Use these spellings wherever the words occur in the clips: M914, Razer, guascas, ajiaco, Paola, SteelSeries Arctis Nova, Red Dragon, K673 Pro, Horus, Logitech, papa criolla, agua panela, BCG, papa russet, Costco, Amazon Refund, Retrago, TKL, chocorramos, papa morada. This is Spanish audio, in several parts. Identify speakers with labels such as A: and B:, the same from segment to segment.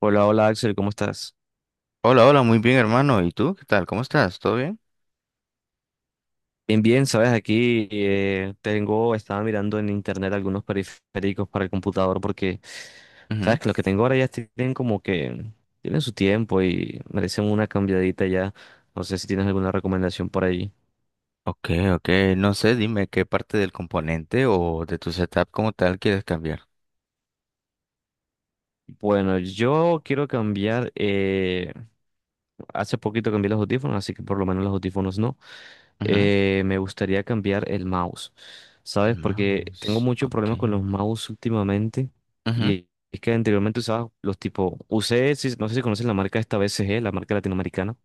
A: Hola, hola Axel, ¿cómo estás?
B: Hola, hola, muy bien, hermano. ¿Y tú? ¿Qué tal? ¿Cómo estás? ¿Todo bien?
A: Bien, bien, sabes, aquí tengo, estaba mirando en internet algunos periféricos para el computador porque,
B: Ujú.
A: sabes, que los que tengo ahora ya tienen como que, tienen su tiempo y merecen una cambiadita ya. No sé si tienes alguna recomendación por ahí.
B: Ok, ok. No sé, dime qué parte del componente o de tu setup como tal quieres cambiar.
A: Bueno, yo quiero cambiar hace poquito cambié los audífonos, así que por lo menos los audífonos no.
B: Ujú.
A: Me gustaría cambiar el mouse,
B: El
A: ¿sabes? Porque tengo
B: mouse.
A: mucho
B: Ok.
A: problema con los mouse últimamente.
B: Ujú.
A: Y es que anteriormente usaba los tipo, usé, no sé si conocen la marca esta BCG, la marca latinoamericana.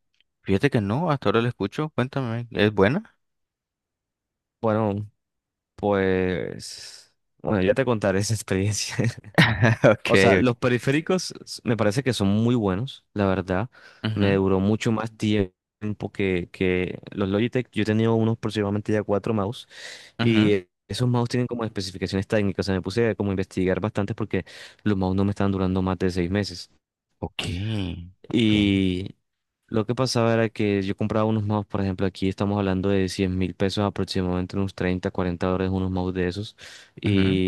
B: Fíjate que no, hasta ahora lo escucho. Cuéntame, ¿es buena?
A: Bueno, pues, bueno, ya te contaré esa experiencia.
B: Ok,
A: O sea,
B: ok.
A: los periféricos me parece que son muy buenos, la verdad. Me
B: Ujú,
A: duró mucho más tiempo que los Logitech. Yo he tenido unos aproximadamente ya 4 mouse
B: ujú.
A: y esos mouse tienen como especificaciones técnicas. O sea, me puse como a investigar bastante porque los mouse no me estaban durando más de 6 meses.
B: Ok, ok.
A: Y lo que pasaba era que yo compraba unos mouse, por ejemplo, aquí estamos hablando de 100.000 pesos aproximadamente, unos 30, 40 dólares unos mouse de esos.
B: Ujú,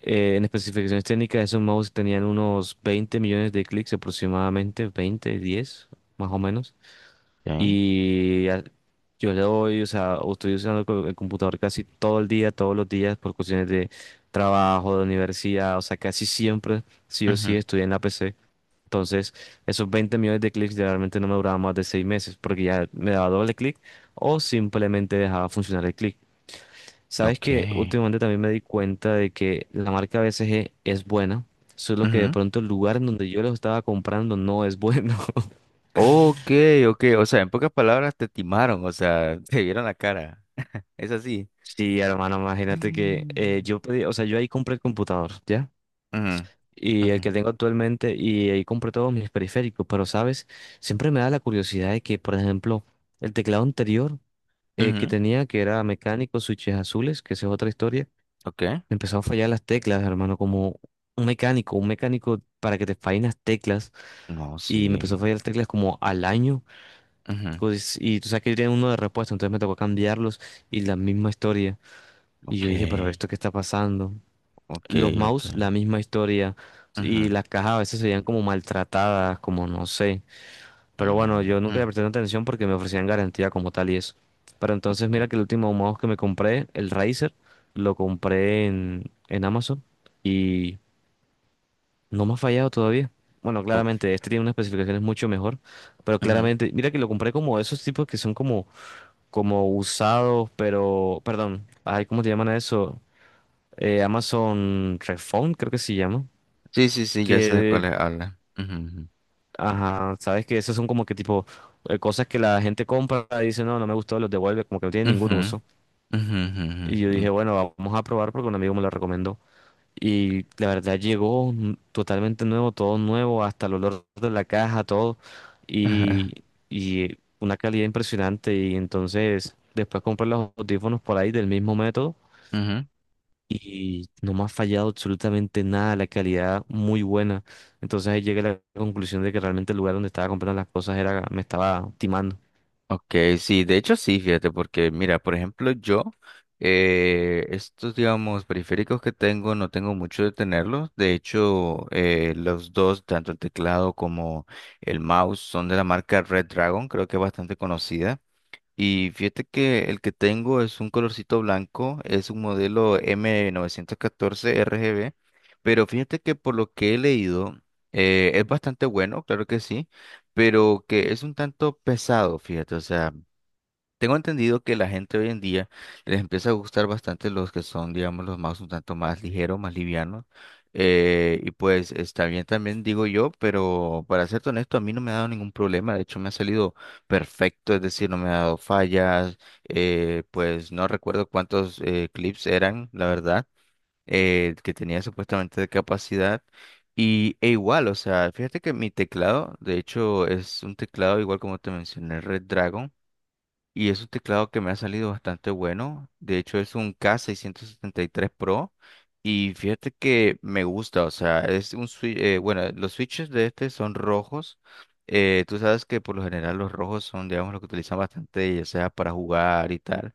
A: En especificaciones técnicas, esos mouse tenían unos 20 millones de clics aproximadamente, 20, 10, más o menos.
B: ok.
A: Y a- yo le doy, o sea, estoy usando el computador casi todo el día, todos los días, por cuestiones de trabajo, de universidad, o sea, casi siempre, sí o sí,
B: Ujú,
A: estoy en la PC. Entonces, esos 20 millones de clics generalmente no me duraban más de 6 meses, porque ya me daba doble clic o simplemente dejaba funcionar el clic. Sabes
B: ok.
A: que últimamente también me di cuenta de que la marca a veces es buena, solo que de
B: Ujú.
A: pronto el lugar en donde yo los estaba comprando no es bueno.
B: Ok, ok. O sea, en pocas palabras te timaron, o sea, te vieron la cara. Es así.
A: Sí, hermano, imagínate que
B: Mm.
A: yo pedí, o sea, yo ahí compré el computador, ¿ya?
B: Ujú.
A: Y
B: Ujú,
A: el que tengo actualmente, y ahí compré todos mis periféricos, pero, ¿sabes? Siempre me da la curiosidad de que, por ejemplo, el teclado anterior que
B: ujú,
A: tenía, que era mecánico, switches azules, que esa es otra historia,
B: ok.
A: me empezó a fallar las teclas, hermano, como un mecánico para que te fallen las teclas.
B: No,
A: Y me empezó a
B: sí.
A: fallar las teclas como al año.
B: Ujú,
A: Pues, y tú sabes que yo tenía uno de repuesto, entonces me tocó cambiarlos y la misma historia. Y
B: ok,
A: yo dije, pero ¿esto qué está pasando?
B: ok,
A: Los mouse,
B: ok.
A: la misma historia. Y
B: Ujú,
A: las cajas a veces se veían como maltratadas, como no sé. Pero bueno, yo
B: ujú,
A: nunca le presté tanta atención porque me ofrecían garantía como tal y eso. Pero entonces
B: ok,
A: mira que el último mouse que me compré, el Razer, lo compré en Amazon. No me ha fallado todavía. Bueno,
B: o-
A: claramente, este tiene unas especificaciones mucho mejor, pero
B: ujú.
A: claramente, mira que lo compré como esos tipos que son como, como usados, pero, perdón, ay, ¿cómo te llaman a eso? Amazon Refund, creo que se llama.
B: Sí, sí, sí, ya sé de cuál
A: Que,
B: habla. Ujú,
A: ajá, sabes que esos son como que tipo cosas que la gente compra y dice, no, no me gustó, los devuelve, como que no tiene
B: ujú,
A: ningún uso.
B: ujú, ujú, ujú, ujú,
A: Y yo dije,
B: ujú,
A: bueno, vamos a probar porque un amigo me lo recomendó. Y la verdad llegó totalmente nuevo, todo nuevo, hasta el olor de la caja, todo. Y, y una calidad impresionante. Y entonces después compré los audífonos por ahí del mismo método.
B: ujú.
A: Y no me ha fallado absolutamente nada, la calidad muy buena. Entonces ahí llegué a la conclusión de que realmente el lugar donde estaba comprando las cosas era, me estaba timando.
B: Ok, sí, de hecho sí, fíjate, porque mira, por ejemplo, yo, estos, digamos, periféricos que tengo, no tengo mucho de tenerlos. De hecho, los dos, tanto el teclado como el mouse, son de la marca Red Dragon, creo que es bastante conocida. Y fíjate que el que tengo es un colorcito blanco, es un modelo M914 novecientos RGB, pero fíjate que por lo que he leído es bastante bueno, claro que sí, pero que es un tanto pesado, fíjate, o sea, tengo entendido que la gente hoy en día les empieza a gustar bastante los que son, digamos, los mouse un tanto más ligeros, más livianos. Y pues está bien también, digo yo, pero para ser honesto, a mí no me ha dado ningún problema. De hecho, me ha salido perfecto, es decir, no me ha dado fallas. Pues no recuerdo cuántos clips eran, la verdad, que tenía supuestamente de capacidad. Y e igual, o sea, fíjate que mi teclado, de hecho, es un teclado igual como te mencioné, Red, y es un teclado que me ha salido bastante bueno. De hecho, es un K673 Pro. Y fíjate que me gusta. O sea, es un switch. Bueno, los switches de este son rojos. Tú sabes que por lo general los rojos son, digamos, los que utilizan bastante, ya sea para jugar y tal.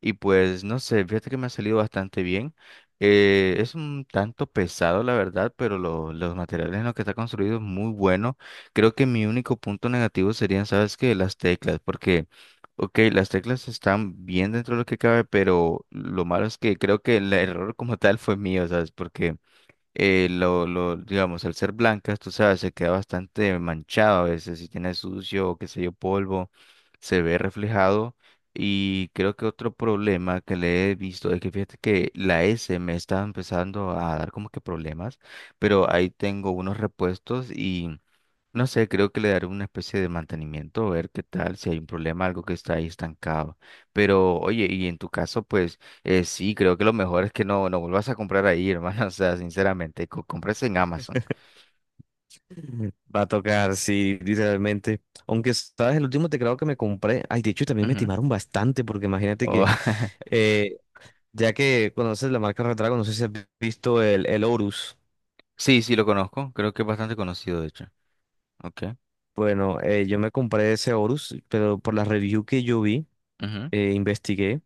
B: Y pues no sé, fíjate que me ha salido bastante bien. Es un tanto pesado, la verdad, pero los materiales en los que está construido es muy bueno. Creo que mi único punto negativo serían, ¿sabes qué? Las teclas, porque, ok, las teclas están bien dentro de lo que cabe, pero lo malo es que creo que el error como tal fue mío, ¿sabes? Porque digamos, al ser blancas, tú sabes, se queda bastante manchado a veces, si tiene sucio o qué sé yo, polvo, se ve reflejado. Y creo que otro problema que le he visto es que fíjate que la S me está empezando a dar como que problemas, pero ahí tengo unos repuestos, no sé, creo que le daré una especie de mantenimiento, a ver qué tal, si hay un problema, algo que está ahí estancado. Pero, oye, y en tu caso, pues sí, creo que lo mejor es que no, no vuelvas a comprar ahí, hermano. O sea, sinceramente, compres en Amazon.
A: Va a tocar, sí, literalmente. Aunque, ¿sabes? El último teclado que me compré, ay, de hecho también me
B: Ujú.
A: timaron bastante, porque imagínate
B: O-
A: que... eh, ya que conoces la marca Retrago, no sé si has visto el Horus.
B: sí, sí, lo conozco. Creo que es bastante conocido, de hecho. Ok.
A: Bueno, yo me compré ese Horus, pero por la review que yo vi,
B: Ujú,
A: investigué.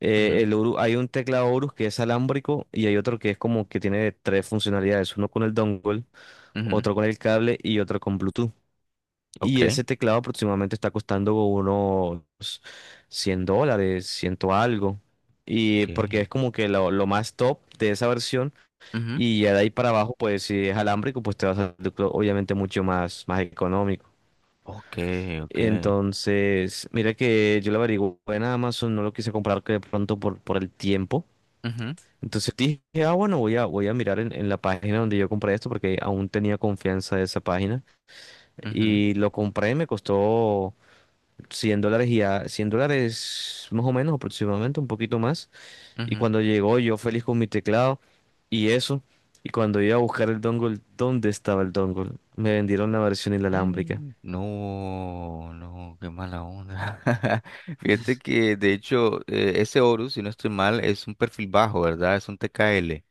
B: ujú,
A: El Horus, hay un teclado Horus que es alámbrico y hay otro que es como que tiene tres funcionalidades: uno con el dongle,
B: ujú.
A: otro con el cable y otro con Bluetooth.
B: Ok,
A: Y ese teclado aproximadamente está costando unos 100 dólares, ciento algo.
B: ok.
A: Y porque es como que lo más top de esa versión.
B: Ujú.
A: Y ya de ahí para abajo, pues si es alámbrico, pues te va a salir obviamente mucho más, más económico.
B: Ok, ok.
A: Entonces, mira que yo lo averigué en Amazon, no lo quise comprar que de pronto por el tiempo.
B: Ujú,
A: Entonces dije, ah, bueno, voy a mirar en la página donde yo compré esto porque aún tenía confianza de esa página.
B: ujú,
A: Y lo compré, me costó 100 dólares y a 100 dólares más o menos aproximadamente, un poquito más. Y
B: ujú.
A: cuando llegó yo feliz con mi teclado. Y eso, y cuando iba a buscar el dongle, ¿dónde estaba el dongle? Me vendieron la versión inalámbrica.
B: Mm. No, no, qué mala onda. Fíjate que de hecho ese Horus, si no estoy mal, es un perfil bajo, ¿verdad? Es un TKL.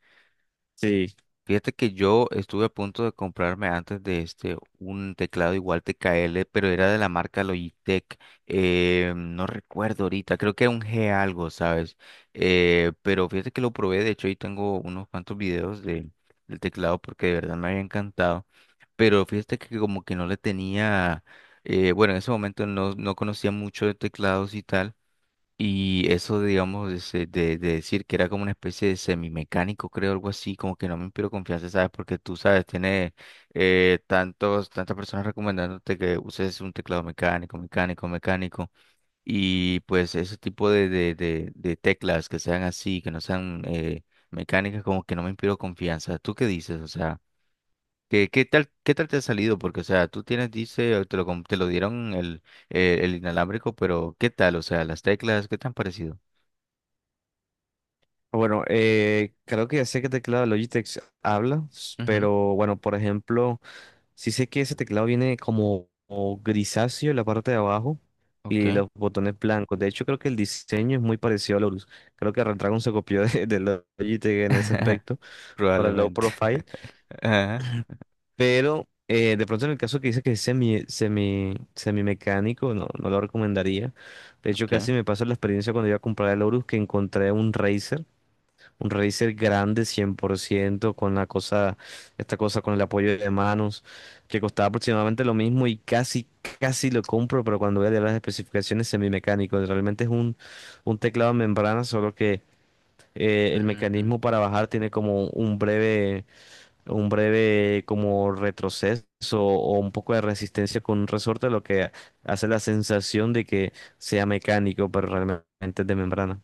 A: Sí.
B: Fíjate que yo estuve a punto de comprarme antes de este un teclado igual TKL, pero era de la marca Logitech. No recuerdo ahorita, creo que era un G algo, ¿sabes? Pero fíjate que lo probé, de hecho, ahí tengo unos cuantos videos de, del teclado porque de verdad me había encantado. Pero fíjate que como que no le tenía, bueno, en ese momento no, no conocía mucho de teclados y tal. Y eso, digamos, ese de decir que era como una especie de semimecánico, creo, algo así, como que no me inspiró confianza, ¿sabes? Porque tú sabes, tiene tantas personas recomendándote que uses un teclado mecánico, mecánico, mecánico. Y pues ese tipo de teclas que sean así, que no sean mecánicas, como que no me inspiró confianza. ¿Tú qué dices? O sea, ¿qué, qué tal te ha salido? Porque, o sea, tú tienes, dice, te lo, te lo dieron el inalámbrico, pero ¿qué tal? O sea, las teclas, ¿qué te han parecido?
A: Bueno, creo que ya sé qué teclado de Logitech habla,
B: Ujú,
A: pero bueno, por ejemplo, sí sé que ese teclado viene como, como grisáceo en la parte de abajo
B: ok,
A: y los botones blancos. De hecho, creo que el diseño es muy parecido a Lorus. Creo que Retragon se copió de Logitech en ese aspecto para el low
B: probablemente.
A: profile.
B: Ajá.
A: Pero de pronto en el caso que dice que es semimecánico, no, no lo recomendaría. De hecho,
B: Ok.
A: casi me pasó la experiencia cuando iba a comprar el Horus que encontré un Razer grande 100% con la cosa, esta cosa con el apoyo de manos, que costaba aproximadamente lo mismo y casi, casi lo compro, pero cuando voy a leer las especificaciones semimecánico, realmente es un teclado de membrana, solo que el
B: Ujú,
A: mecanismo para bajar tiene como un breve como retroceso o un poco de resistencia con un resorte, lo que hace la sensación de que sea mecánico, pero realmente es de membrana.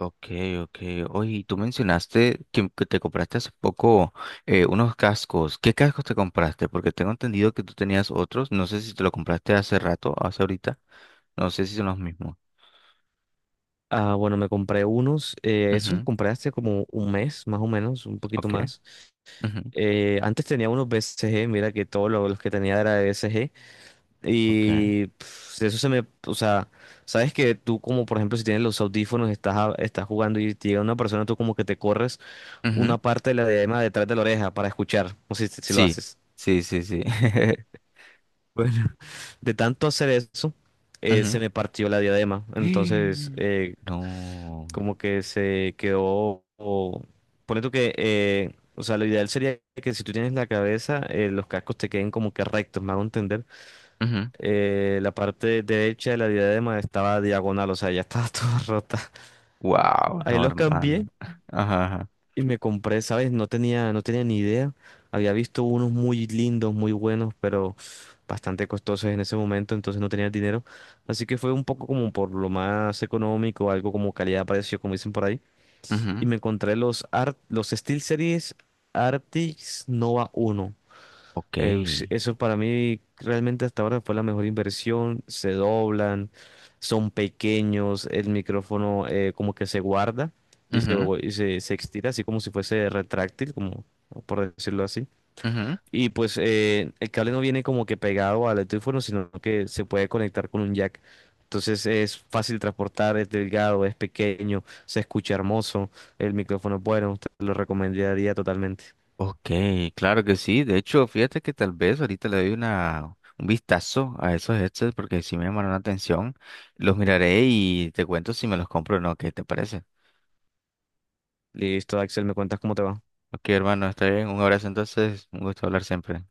B: ok, ok. Oye, y tú mencionaste que te compraste hace poco unos cascos. ¿Qué cascos te compraste? Porque tengo entendido que tú tenías otros. No sé si te lo compraste hace rato, hace ahorita. No sé si son los mismos.
A: Ah, bueno, me compré unos, esos los
B: Ujú,
A: compré hace como 1 mes, más o menos, un poquito
B: ok,
A: más.
B: ujú,
A: Antes tenía unos BCG, mira que todos los que tenía era de BCG.
B: ok.
A: Y pf, eso se me, o sea, sabes que tú como por ejemplo si tienes los audífonos, estás, estás jugando y te llega una persona, tú como que te corres
B: Ujú,
A: una parte de la diadema detrás de la oreja para escuchar. No sé si, si lo
B: sí,
A: haces.
B: sí, sí, sí.
A: Bueno, de tanto hacer eso,
B: Ujú.
A: se me partió la diadema. Entonces,
B: No.
A: como que se quedó. O, ponle tú que. O sea, lo ideal sería que si tú tienes la cabeza, los cascos te queden como que rectos, me hago entender. La parte derecha de la diadema estaba diagonal, o sea, ya estaba toda rota.
B: Wow,
A: Ahí
B: no,
A: los
B: hermano.
A: cambié.
B: Ajá.
A: Y me compré, ¿sabes? No tenía ni idea. Había visto unos muy lindos, muy buenos, pero bastante costosos en ese momento, entonces no tenía el dinero. Así que fue un poco como por lo más económico, algo como calidad-precio, como dicen por ahí. Y
B: Ajá.
A: me encontré los, los SteelSeries Arctis Nova 1
B: Ok,
A: eso para mí realmente hasta ahora fue la mejor inversión. Se doblan, son pequeños, el micrófono como que se guarda y se,
B: ujú,
A: y se, se estira así como si fuese retráctil, como por decirlo así.
B: ujú.
A: Y pues el cable no viene como que pegado al teléfono, sino que se puede conectar con un jack. Entonces es fácil transportar, es delgado, es pequeño, se escucha hermoso, el micrófono es bueno, te lo recomendaría totalmente.
B: Ok, claro que sí. De hecho, fíjate que tal vez ahorita le doy una, un vistazo a esos headsets porque sí me llamaron la atención. Los miraré y te cuento si me los compro o no. ¿Qué te parece?
A: Listo, Axel, ¿me cuentas cómo te va?
B: Ok, hermano, está bien. Un abrazo entonces. Un gusto hablar siempre.